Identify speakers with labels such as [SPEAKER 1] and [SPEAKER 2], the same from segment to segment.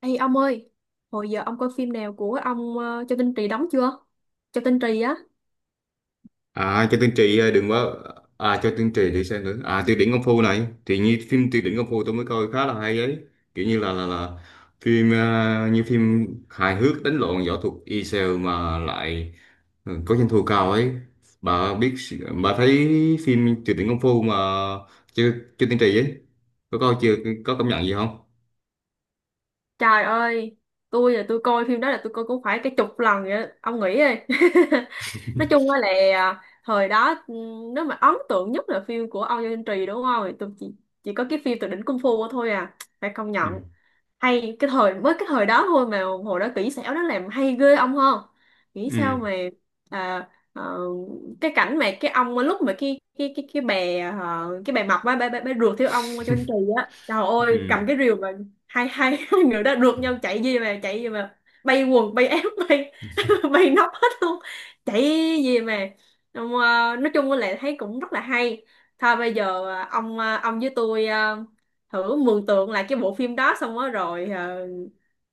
[SPEAKER 1] Ê ông ơi, hồi giờ ông coi phim nào của ông Châu Tinh Trì đóng chưa? Châu Tinh Trì á.
[SPEAKER 2] À cho tiên tri đừng quá à cho tiên tri để xem nữa à tiêu điển công phu này thì như phim tiêu điển công phu tôi mới coi khá là hay ấy kiểu như là phim như phim hài hước đánh lộn võ thuật y sale mà lại, ừ, có doanh thu cao ấy. Bà biết, bà thấy phim tiêu điển công phu mà. Chưa chưa tiên tri ấy, có coi chưa, có cảm nhận gì không?
[SPEAKER 1] Trời ơi, tôi coi phim đó là tôi coi cũng phải cái chục lần vậy á. Ông nghĩ đi. Nói chung á là thời đó, ừ, nếu mà ấn tượng nhất là phim của ông Châu Tinh Trì đúng không? Thì tôi chỉ có cái phim Tuyệt đỉnh Kung Fu thôi à. Phải công
[SPEAKER 2] Ừ.
[SPEAKER 1] nhận. Hay cái thời mới cái thời đó thôi mà hồi đó kỹ xảo nó làm hay ghê, ông hơn nghĩ sao
[SPEAKER 2] Ừ.
[SPEAKER 1] mà à, ờ, cái cảnh mà cái ông lúc mà cái bè mập á, bè rượt theo ông trên kỳ á, trời ơi,
[SPEAKER 2] Ừ.
[SPEAKER 1] cầm cái rìu mà hai hai hai người đó rượt nhau, chạy gì mà bay quần bay áo, bay bay nóc hết luôn, chạy gì mà. Ờ, nói chung là thấy cũng rất là hay. Thôi bây giờ, ông với tôi, thử mường tượng lại cái bộ phim đó xong đó rồi, ờ,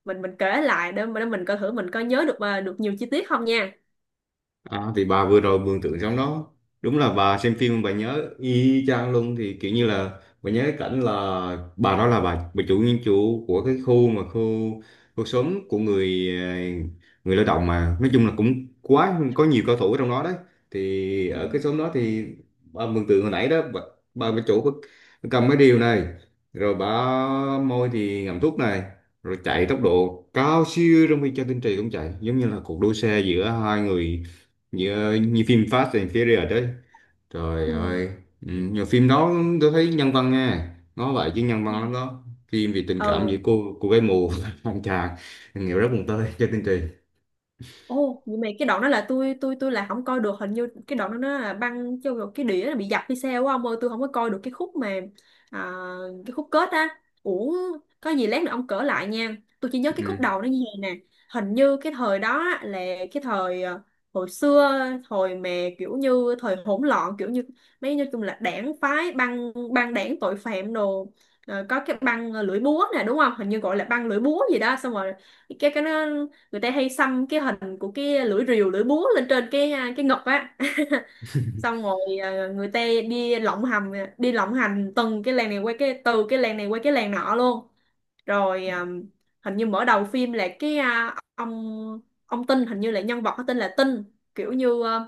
[SPEAKER 1] mình mình kể lại để mình coi thử mình có nhớ được, được nhiều chi tiết không nha.
[SPEAKER 2] À, thì bà vừa rồi mường tượng trong đó, đúng là bà xem phim bà nhớ y chang luôn. Thì kiểu như là bà nhớ cái cảnh là bà đó là bà chủ nhân chủ của cái khu mà khu khu xóm của người người lao động, mà nói chung là cũng quá có nhiều cao thủ ở trong đó đấy. Thì
[SPEAKER 1] Ừ.
[SPEAKER 2] ở cái xóm đó thì bà mường tượng hồi nãy đó, bà chủ bà cầm cái điều này, rồi bà môi thì ngậm thuốc này, rồi chạy tốc độ cao siêu trong khi cho tinh trì cũng chạy, giống như là cuộc đua xe giữa hai người, như phim Fast and Furious đấy. Trời
[SPEAKER 1] Ừ.
[SPEAKER 2] ơi. Ừ, nhiều phim đó tôi thấy nhân văn nha, nó vậy chứ nhân
[SPEAKER 1] Ừ.
[SPEAKER 2] văn lắm đó, phim về tình cảm giữa
[SPEAKER 1] Ừ.
[SPEAKER 2] cô gái mù anh chàng nghĩa rất buồn tơi cho chương trình.
[SPEAKER 1] Ồ, nhưng mà cái đoạn đó là tôi là không coi được, hình như cái đoạn đó nó là băng cho cái đĩa nó bị dập hay sao á ông ơi, tôi không có coi được cái khúc mà à, cái khúc kết á. Ủa, có gì lát nữa ông cỡ lại nha, tôi chỉ nhớ cái khúc
[SPEAKER 2] Ừ.
[SPEAKER 1] đầu nó như vậy nè. Hình như cái thời đó á, là cái thời, hồi xưa, thời mà kiểu như thời hỗn loạn, kiểu như mấy, nói chung là đảng phái, băng băng đảng tội phạm đồ. Ờ, có cái băng lưỡi búa nè đúng không, hình như gọi là băng lưỡi búa gì đó. Xong rồi cái nó người ta hay xăm cái hình của cái lưỡi rìu lưỡi búa lên trên cái, cái ngực á. Xong rồi, người ta đi lộng hành, đi lộng hành từng cái làng này qua từ cái làng này qua cái làng nọ luôn. Rồi hình như mở đầu phim là cái, ông Tinh, hình như là nhân vật có tên là Tinh, kiểu như à,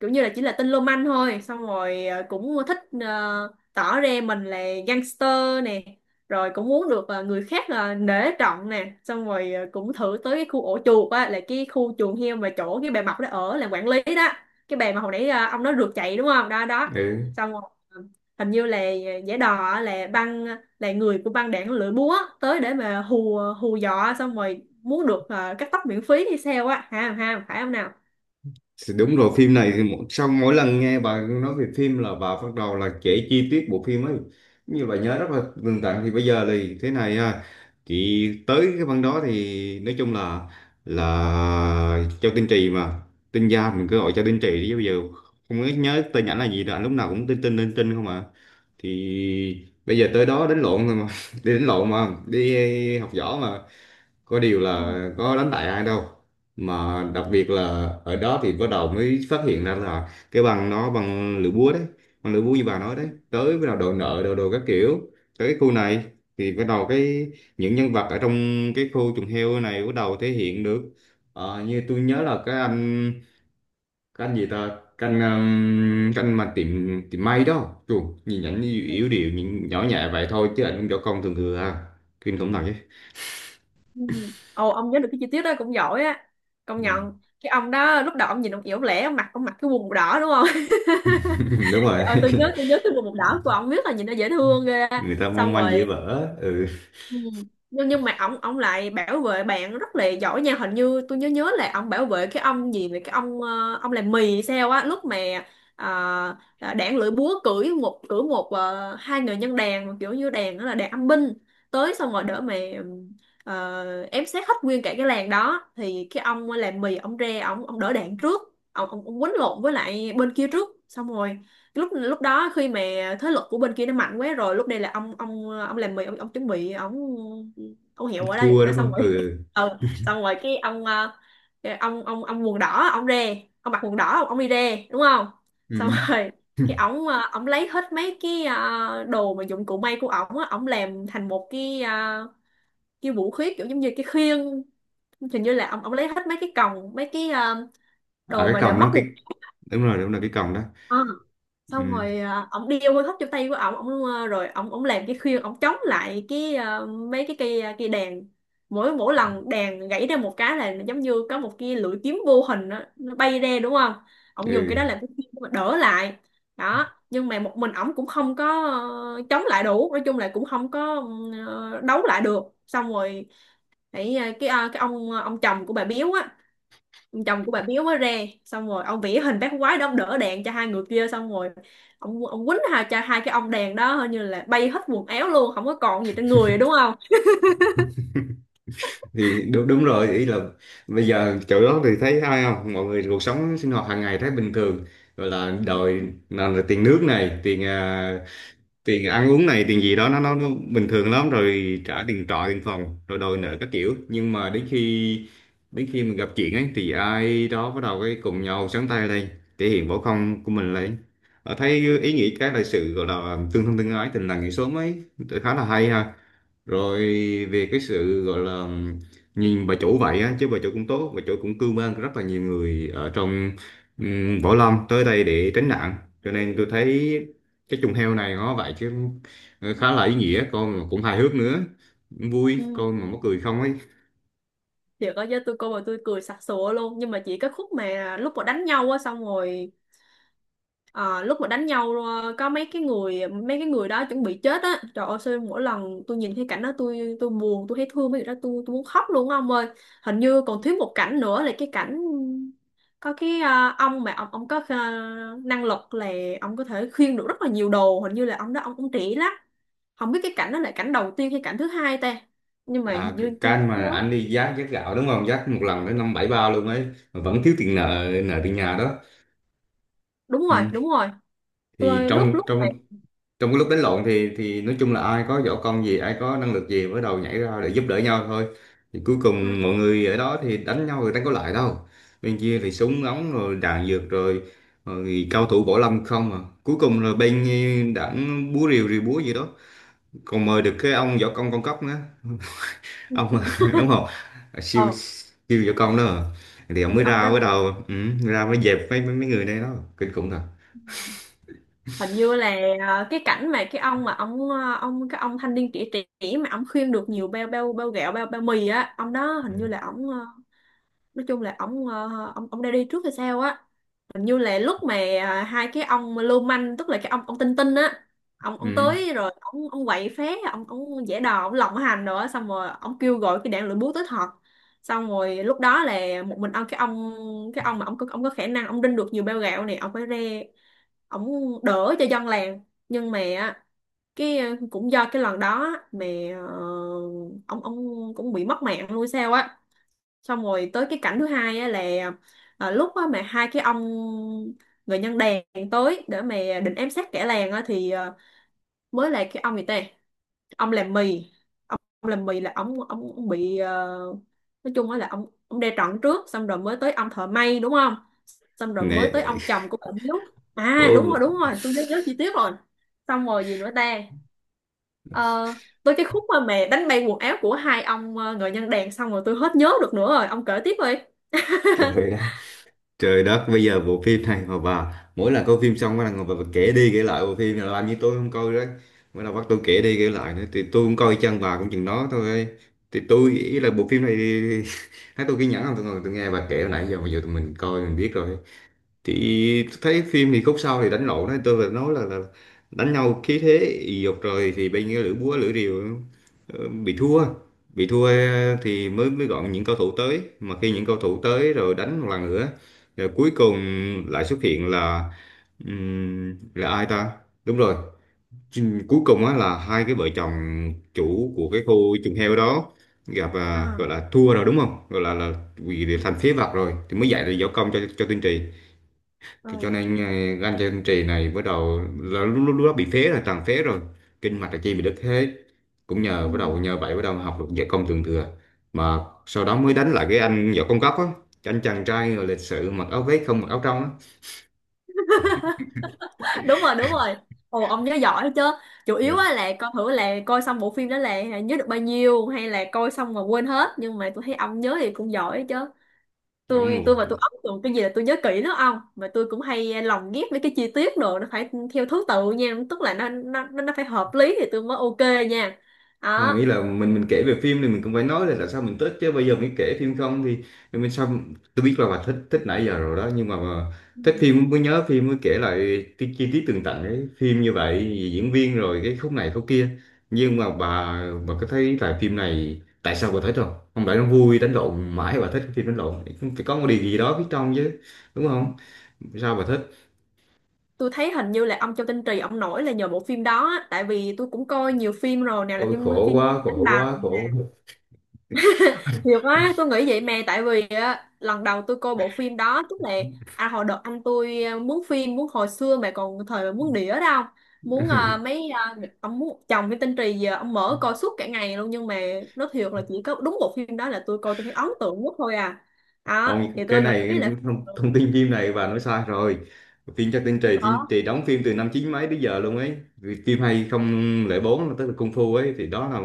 [SPEAKER 1] kiểu như là chỉ là tên lô manh thôi. Xong rồi cũng thích, tỏ ra mình là gangster nè, rồi cũng muốn được, người khác, nể trọng nè. Xong rồi, cũng thử tới cái khu ổ chuột á, là cái khu chuồng heo mà chỗ cái bà Mập đó ở làm quản lý đó, cái bà mà hồi nãy ông nói rượt chạy đúng không, đó đó.
[SPEAKER 2] Ừ.
[SPEAKER 1] Xong rồi hình như là giả đò á, là người của băng đảng lưỡi búa tới để mà hù hù dọa, xong rồi muốn được, cắt tóc miễn phí hay sao á, ha ha, phải không nào.
[SPEAKER 2] Thì đúng rồi, phim này thì sau mỗi lần nghe bà nói về phim là bà bắt đầu là kể chi tiết bộ phim ấy, như bà nhớ rất là tường tận. Thì bây giờ thì thế này thì tới cái phần đó thì nói chung là Châu Tinh Trì mà, Tinh Gia mình cứ gọi Châu Tinh Trì đi, bây giờ không có nhớ tên ảnh là gì nữa, lúc nào cũng Tinh Tinh Tinh Tinh không à. Thì bây giờ tới đó đánh lộn rồi mà đi đánh lộn mà đi học võ mà có điều
[SPEAKER 1] Ừ.
[SPEAKER 2] là có đánh bại ai đâu. Mà đặc biệt là ở đó thì bắt đầu mới phát hiện ra là cái bằng nó bằng lưỡi búa đấy, bằng lưỡi búa như bà nói đấy, tới bắt đầu đòi nợ đòi đồ các kiểu. Tới cái khu này thì bắt đầu cái những nhân vật ở trong cái khu chuồng heo này bắt đầu thể hiện được. Ờ, như tôi nhớ là cái anh, cái anh gì ta, cái anh mà tiệm tiệm may đó Chù, nhìn ảnh như yếu điệu nhìn nhỏ nhẹ vậy thôi chứ ảnh cũng võ công thường thường à, kinh khủng thật chứ.
[SPEAKER 1] Ừ. Ồ, ông nhớ được cái chi tiết đó cũng giỏi á, công
[SPEAKER 2] Ừ.
[SPEAKER 1] nhận. Cái ông đó lúc đầu ông nhìn ông yếu lẻ, ông mặc cái quần màu đỏ đúng không.
[SPEAKER 2] Đúng
[SPEAKER 1] Trời
[SPEAKER 2] rồi.
[SPEAKER 1] ơi, tôi nhớ cái quần màu đỏ của ông, biết là nhìn nó dễ thương ghê á.
[SPEAKER 2] Người ta mong
[SPEAKER 1] Xong
[SPEAKER 2] manh
[SPEAKER 1] rồi.
[SPEAKER 2] dễ vỡ. Ừ,
[SPEAKER 1] Ừ. Nhưng mà ông lại bảo vệ bạn rất là giỏi nha. Hình như tôi nhớ nhớ là ông bảo vệ cái ông gì vậy, cái ông, ông làm mì hay sao á, lúc mà uh, đảng lưỡi búa cưỡi một hai người nhân đàn mà kiểu như đàn đó là đàn âm binh, tới xong rồi đỡ mà ém xét hết nguyên cả cái làng đó. Thì cái ông làm mì ông ra, ông đỡ đạn trước, ông quýnh lộn với lại bên kia trước. Xong rồi lúc lúc đó khi mà thế lực của bên kia nó mạnh quá rồi, lúc đây là ông làm mì ông chuẩn bị ông hiệu ở đây
[SPEAKER 2] thua
[SPEAKER 1] đã.
[SPEAKER 2] đúng
[SPEAKER 1] Xong
[SPEAKER 2] không.
[SPEAKER 1] rồi
[SPEAKER 2] Ừ.
[SPEAKER 1] ừ, xong rồi cái ông, cái ông quần đỏ ông ra, ông mặc quần đỏ ông đi ra đúng không.
[SPEAKER 2] Ừ.
[SPEAKER 1] Xong rồi cái ổng, ổng lấy hết mấy cái, đồ mà dụng cụ may của ổng á, ổng làm thành một cái, cái vũ khí kiểu giống như cái khiên. Hình như là ổng ổng lấy hết mấy cái còng, mấy cái,
[SPEAKER 2] À,
[SPEAKER 1] đồ
[SPEAKER 2] cái
[SPEAKER 1] mà để
[SPEAKER 2] còng
[SPEAKER 1] móc
[SPEAKER 2] nó cái,
[SPEAKER 1] quần.
[SPEAKER 2] đúng rồi cái còng đó.
[SPEAKER 1] Ờ, xong
[SPEAKER 2] Ừ.
[SPEAKER 1] rồi ổng đi ông hơi hấp trong tay của ổng, rồi ổng ổng làm cái khuyên, ổng chống lại cái, mấy cái cây, cây đàn. Mỗi mỗi lần đàn gãy ra một cái là giống như có một cái lưỡi kiếm vô hình đó, nó bay ra đúng không. Ổng dùng cái đó làm
[SPEAKER 2] Ừ.
[SPEAKER 1] cái khuyên để mà đỡ lại đó. Nhưng mà một mình ổng cũng không có, chống lại đủ, nói chung là cũng không có, đấu lại được. Xong rồi cái ông, ông chồng của bà Biếu á, chồng của bà Biếu mới re. Xong rồi ông vẽ hình bác quái đó, ông đỡ đèn cho hai người kia. Xong rồi ông quýnh cho hai cái ông đèn đó, hình như là bay hết quần áo luôn không có còn gì trên người rồi, đúng không.
[SPEAKER 2] Thì đúng đúng rồi, ý là bây giờ chỗ đó thì thấy ai không, mọi người cuộc sống sinh hoạt hàng ngày thấy bình thường, gọi là đòi, nào là tiền nước này, tiền tiền ăn uống này, tiền gì đó, nó bình thường lắm rồi, trả tiền trọ tiền phòng rồi đòi nợ các kiểu. Nhưng mà đến khi, đến khi mình gặp chuyện ấy thì ai đó bắt đầu cái cùng nhau sáng tay lên, thể hiện võ công của mình lên. Ờ, thấy ý nghĩa cái là sự gọi là tương thân tương ái, tình làng nghĩa xóm ấy, khá là hay ha. Rồi về cái sự gọi là nhìn bà chủ vậy á, chứ bà chủ cũng tốt, bà chủ cũng cưu mang rất là nhiều người ở trong võ lâm tới đây để tránh nạn. Cho nên tôi thấy cái trùng heo này nó vậy chứ, ờ, khá là ý nghĩa con mà cũng hài hước nữa, vui
[SPEAKER 1] Ừ.
[SPEAKER 2] con mà mắc cười không ấy.
[SPEAKER 1] Thiệt có chứ, tôi coi mà tôi cười sặc sụa luôn, nhưng mà chỉ cái khúc mà lúc mà đánh nhau á. Xong rồi ờ, lúc mà đánh nhau, có mấy cái người, mấy cái người đó chuẩn bị chết á, trời ơi, sao mỗi lần tôi nhìn thấy cảnh đó tôi buồn, tôi thấy thương mấy người đó, tôi muốn khóc luôn á ông ơi. Hình như còn thiếu một cảnh nữa là cái cảnh có cái, ờ, ông mà ông có, năng lực là ông có thể khiêng được rất là nhiều đồ, hình như là ông đó ông cũng trẻ lắm. Không biết cái cảnh đó là cảnh đầu tiên hay cảnh thứ hai ta, nhưng mà
[SPEAKER 2] À
[SPEAKER 1] hình
[SPEAKER 2] cái
[SPEAKER 1] như tôi
[SPEAKER 2] can
[SPEAKER 1] nhớ
[SPEAKER 2] mà anh đi giác giác gạo đúng không, giác một lần tới năm bảy ba luôn ấy, mà vẫn thiếu tiền, nợ nợ tiền nhà đó.
[SPEAKER 1] đúng rồi,
[SPEAKER 2] Ừ.
[SPEAKER 1] đúng rồi.
[SPEAKER 2] Thì
[SPEAKER 1] Tôi lúc
[SPEAKER 2] trong
[SPEAKER 1] lúc
[SPEAKER 2] trong
[SPEAKER 1] này
[SPEAKER 2] trong cái lúc đánh lộn thì nói chung là ai có võ công gì, ai có năng lực gì mới đầu nhảy ra để giúp đỡ nhau thôi. Thì cuối
[SPEAKER 1] à,
[SPEAKER 2] cùng mọi người ở đó thì đánh nhau rồi đánh có lại đâu, bên kia thì súng ống rồi đạn dược rồi, rồi cao thủ võ lâm không à. Cuối cùng là bên đảng búa rìu, rìu búa gì đó, còn mời được cái ông võ công con cóc nữa. Ông
[SPEAKER 1] ừ,
[SPEAKER 2] đúng không. À,
[SPEAKER 1] ờ
[SPEAKER 2] siêu siêu võ công đó à. Thì ông
[SPEAKER 1] như
[SPEAKER 2] mới
[SPEAKER 1] ông
[SPEAKER 2] ra
[SPEAKER 1] đó,
[SPEAKER 2] mới đầu, ừ, ra mới dẹp mấy mấy mấy người này đó, kinh khủng thật.
[SPEAKER 1] hình như là, cái cảnh mà cái ông mà ông, cái ông thanh niên trẻ trẻ mà ông khuyên được nhiều bao bao bao gạo, bao bao mì á, ông đó
[SPEAKER 2] Ừ.
[SPEAKER 1] hình như là ông, nói chung là ông, ông đã đi trước hay sao á. Hình như là lúc mà, hai cái ông lưu manh tức là cái ông, Tinh Tinh á, ông
[SPEAKER 2] Ừ.
[SPEAKER 1] tới rồi ông quậy phá, ông giả đò ông lộng hành rồi á, xong rồi ông kêu gọi cái đạn lửa búa tới thật. Xong rồi lúc đó là một mình ông, cái ông cái ông mà ông có khả năng ông đinh được nhiều bao gạo này, ông phải ra ông đỡ cho dân làng. Nhưng mà á, cái, cũng do cái lần đó mà ờ, ông cũng bị mất mạng luôn sao á. Xong rồi tới cái cảnh thứ hai á, là lúc á mà hai cái ông người nhân đèn tới để mà định ám sát kẻ làng á, thì mới là cái ông gì ta, ông làm mì. Ông làm mì là ông bị, nói chung á là ông đe trọn trước. Xong rồi mới tới ông thợ may đúng không. Xong rồi mới tới
[SPEAKER 2] Nè,
[SPEAKER 1] ông chồng của bà Hiếu. À
[SPEAKER 2] ôi
[SPEAKER 1] đúng rồi, đúng rồi, tôi nhớ nhớ chi tiết rồi. Xong rồi gì nữa ta. Ờ, tới cái khúc mà mẹ đánh bay quần áo của hai ông, người nhân đèn, xong rồi tôi hết nhớ được nữa rồi, ông kể tiếp đi.
[SPEAKER 2] trời ơi. Trời đất, bây giờ bộ phim này mà bà mỗi lần coi phim xong bà ngồi bà kể đi kể lại bộ phim này làm như tôi không coi đấy. Bắt đầu bắt tôi kể đi kể lại nữa thì tôi cũng coi chân bà cũng chừng đó thôi. Thì tôi nghĩ là bộ phim này thấy tôi kiên nhẫn không, tôi ngồi tôi nghe bà kể hồi nãy giờ, bây giờ tụi mình coi mình biết rồi. Thì thấy phim thì khúc sau thì đánh lộn đó, tôi phải nói là đánh nhau khí thế ì dục rồi, thì bên cái lưỡi búa lưỡi rìu, ờ, bị thua, bị thua, thì mới mới gọi những cầu thủ tới. Mà khi những cầu thủ tới rồi đánh một lần nữa, rồi cuối cùng lại xuất hiện là ai ta, đúng rồi. Cuối cùng á là hai cái vợ chồng chủ của cái khu chuồng heo đó gặp
[SPEAKER 1] Ờ.
[SPEAKER 2] gọi là thua rồi đúng không, gọi là vì thành phế vật rồi thì mới dạy là võ công cho Tiên Trì. Cái cho nên ờ, gan chân trì này bắt đầu là lúc, lúc đó bị phế rồi, tràn phế rồi, kinh mạch là chi bị đứt hết, cũng nhờ bắt
[SPEAKER 1] Ừ.
[SPEAKER 2] đầu nhờ vậy bắt đầu học được võ công thượng thừa. Mà sau đó mới đánh lại cái anh võ công cấp á, cái anh chàng trai rồi lịch sự mặc áo vest không mặc áo trong á.
[SPEAKER 1] Đúng rồi, đúng rồi. Ồ, ông nhớ giỏi chứ. Chủ
[SPEAKER 2] Ừ.
[SPEAKER 1] yếu á là coi thử là coi xong bộ phim đó là nhớ được bao nhiêu hay là coi xong mà quên hết, nhưng mà tôi thấy ông nhớ thì cũng giỏi chứ.
[SPEAKER 2] Ông
[SPEAKER 1] tôi
[SPEAKER 2] một,
[SPEAKER 1] tôi mà tôi ấn tượng cái gì là tôi nhớ kỹ lắm ông, mà tôi cũng hay lồng ghép mấy cái chi tiết đồ nó phải theo thứ tự nha, tức là nó phải hợp lý thì tôi mới ok nha,
[SPEAKER 2] không
[SPEAKER 1] đó.
[SPEAKER 2] ý là mình kể về phim thì mình cũng phải nói là tại sao mình thích chứ, bây giờ mình kể phim không thì thì mình sao. Tôi biết là bà thích thích nãy giờ rồi đó, nhưng mà
[SPEAKER 1] Ừ.
[SPEAKER 2] thích phim mới nhớ phim, mới kể lại cái chi tiết tường tận ấy, phim như vậy diễn viên rồi cái khúc này khúc kia. Nhưng mà bà có thấy là phim này tại sao bà thích không? Không phải nó vui đánh lộn mãi bà thích cái phim đánh lộn, phải có một điều gì đó phía trong chứ, đúng không? Sao bà thích?
[SPEAKER 1] Tôi thấy hình như là ông Châu Tinh Trì ông nổi là nhờ bộ phim đó á, tại vì tôi cũng coi nhiều phim rồi, nào là
[SPEAKER 2] Ôi
[SPEAKER 1] phim
[SPEAKER 2] khổ
[SPEAKER 1] phim
[SPEAKER 2] quá
[SPEAKER 1] đánh
[SPEAKER 2] khổ
[SPEAKER 1] bạc.
[SPEAKER 2] quá khổ quá.
[SPEAKER 1] Thiệt quá, tôi nghĩ vậy mà. Tại vì á, lần đầu tôi coi bộ phim đó, tức là à, hồi đợt anh tôi, mướn phim, mướn hồi xưa mà còn thời mà mướn đĩa đó, không muốn à, mấy à, một- ông muốn chồng cái tên Trì, giờ ông mở coi suốt cả ngày luôn. Nhưng mà nó thiệt là chỉ có đúng bộ phim đó là tôi coi tôi thấy ấn tượng nhất thôi à. Đó thì
[SPEAKER 2] Ông cái
[SPEAKER 1] tôi
[SPEAKER 2] này cái
[SPEAKER 1] nghĩ là phim
[SPEAKER 2] thông,
[SPEAKER 1] được
[SPEAKER 2] thông tin phim này bà nói sai rồi. Phim Trác Tinh
[SPEAKER 1] chứ
[SPEAKER 2] Trì thì,
[SPEAKER 1] khó.
[SPEAKER 2] thì đóng phim từ năm chín mấy tới giờ luôn ấy. Vì phim 2004 tức là Kung Fu ấy thì đó là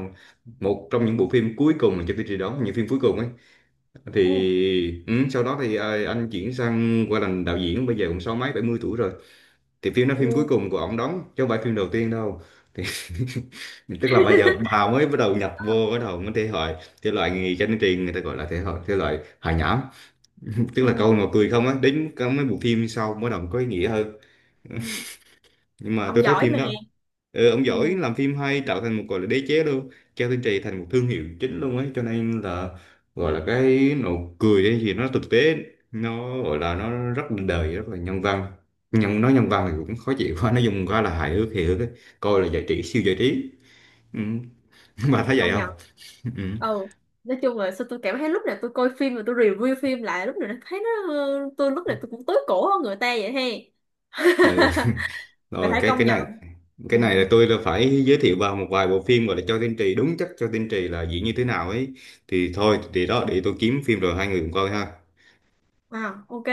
[SPEAKER 2] một trong những bộ phim cuối cùng mà Trác Tinh Trì đóng, những phim cuối cùng ấy.
[SPEAKER 1] Ừ.
[SPEAKER 2] Thì ừ, sau đó thì anh chuyển sang qua làm đạo diễn, bây giờ cũng sáu mấy bảy mươi tuổi rồi. Thì phim đó phim cuối
[SPEAKER 1] Ừ.
[SPEAKER 2] cùng của ông đóng chứ không phải phim đầu tiên đâu. Thì tức là bây giờ bà mới bắt đầu nhập vô, bắt đầu mới thể loại, thể loại nghề Trác Tinh Trì người ta gọi là thể loại, thể loại hài nhảm, tức là câu
[SPEAKER 1] Ừ.
[SPEAKER 2] nào cười không á, đến có mấy bộ phim sau mới đầu có ý nghĩa hơn.
[SPEAKER 1] Ừ.
[SPEAKER 2] Nhưng mà
[SPEAKER 1] Ông
[SPEAKER 2] tôi thấy
[SPEAKER 1] giỏi
[SPEAKER 2] phim
[SPEAKER 1] mà.
[SPEAKER 2] đó, ừ, ông giỏi,
[SPEAKER 1] Ừ.
[SPEAKER 2] làm phim hay tạo thành một gọi là đế chế luôn. Cao Thiên Trì thành một thương hiệu chính luôn ấy, cho nên là gọi là cái nụ cười hay gì nó thực tế, nó gọi là nó rất là đời, rất là nhân văn. Nhưng nói nhân
[SPEAKER 1] Ừ.
[SPEAKER 2] văn thì cũng khó chịu quá, nó dùng quá là hài hước hề hước ấy. Coi là giải trí, siêu giải trí. Ừ. Bà thấy vậy
[SPEAKER 1] Công
[SPEAKER 2] không?
[SPEAKER 1] nhận.
[SPEAKER 2] Ừ.
[SPEAKER 1] Ừ. Nói chung là sao tôi cảm thấy lúc nào tôi coi phim mà tôi review phim lại, lúc nào nó thấy nó, tôi lúc nào tôi cũng tối cổ hơn người ta vậy he,
[SPEAKER 2] Ừ.
[SPEAKER 1] là
[SPEAKER 2] Rồi
[SPEAKER 1] phải
[SPEAKER 2] cái
[SPEAKER 1] công
[SPEAKER 2] cái
[SPEAKER 1] nhận.
[SPEAKER 2] này cái này là
[SPEAKER 1] Ừ.
[SPEAKER 2] tôi là phải giới thiệu vào một vài bộ phim gọi là cho tiên tri đúng chất, cho tiên tri là diễn như thế nào ấy. Thì thôi thì đó, để tôi kiếm phim rồi hai người cùng coi ha.
[SPEAKER 1] À, ok.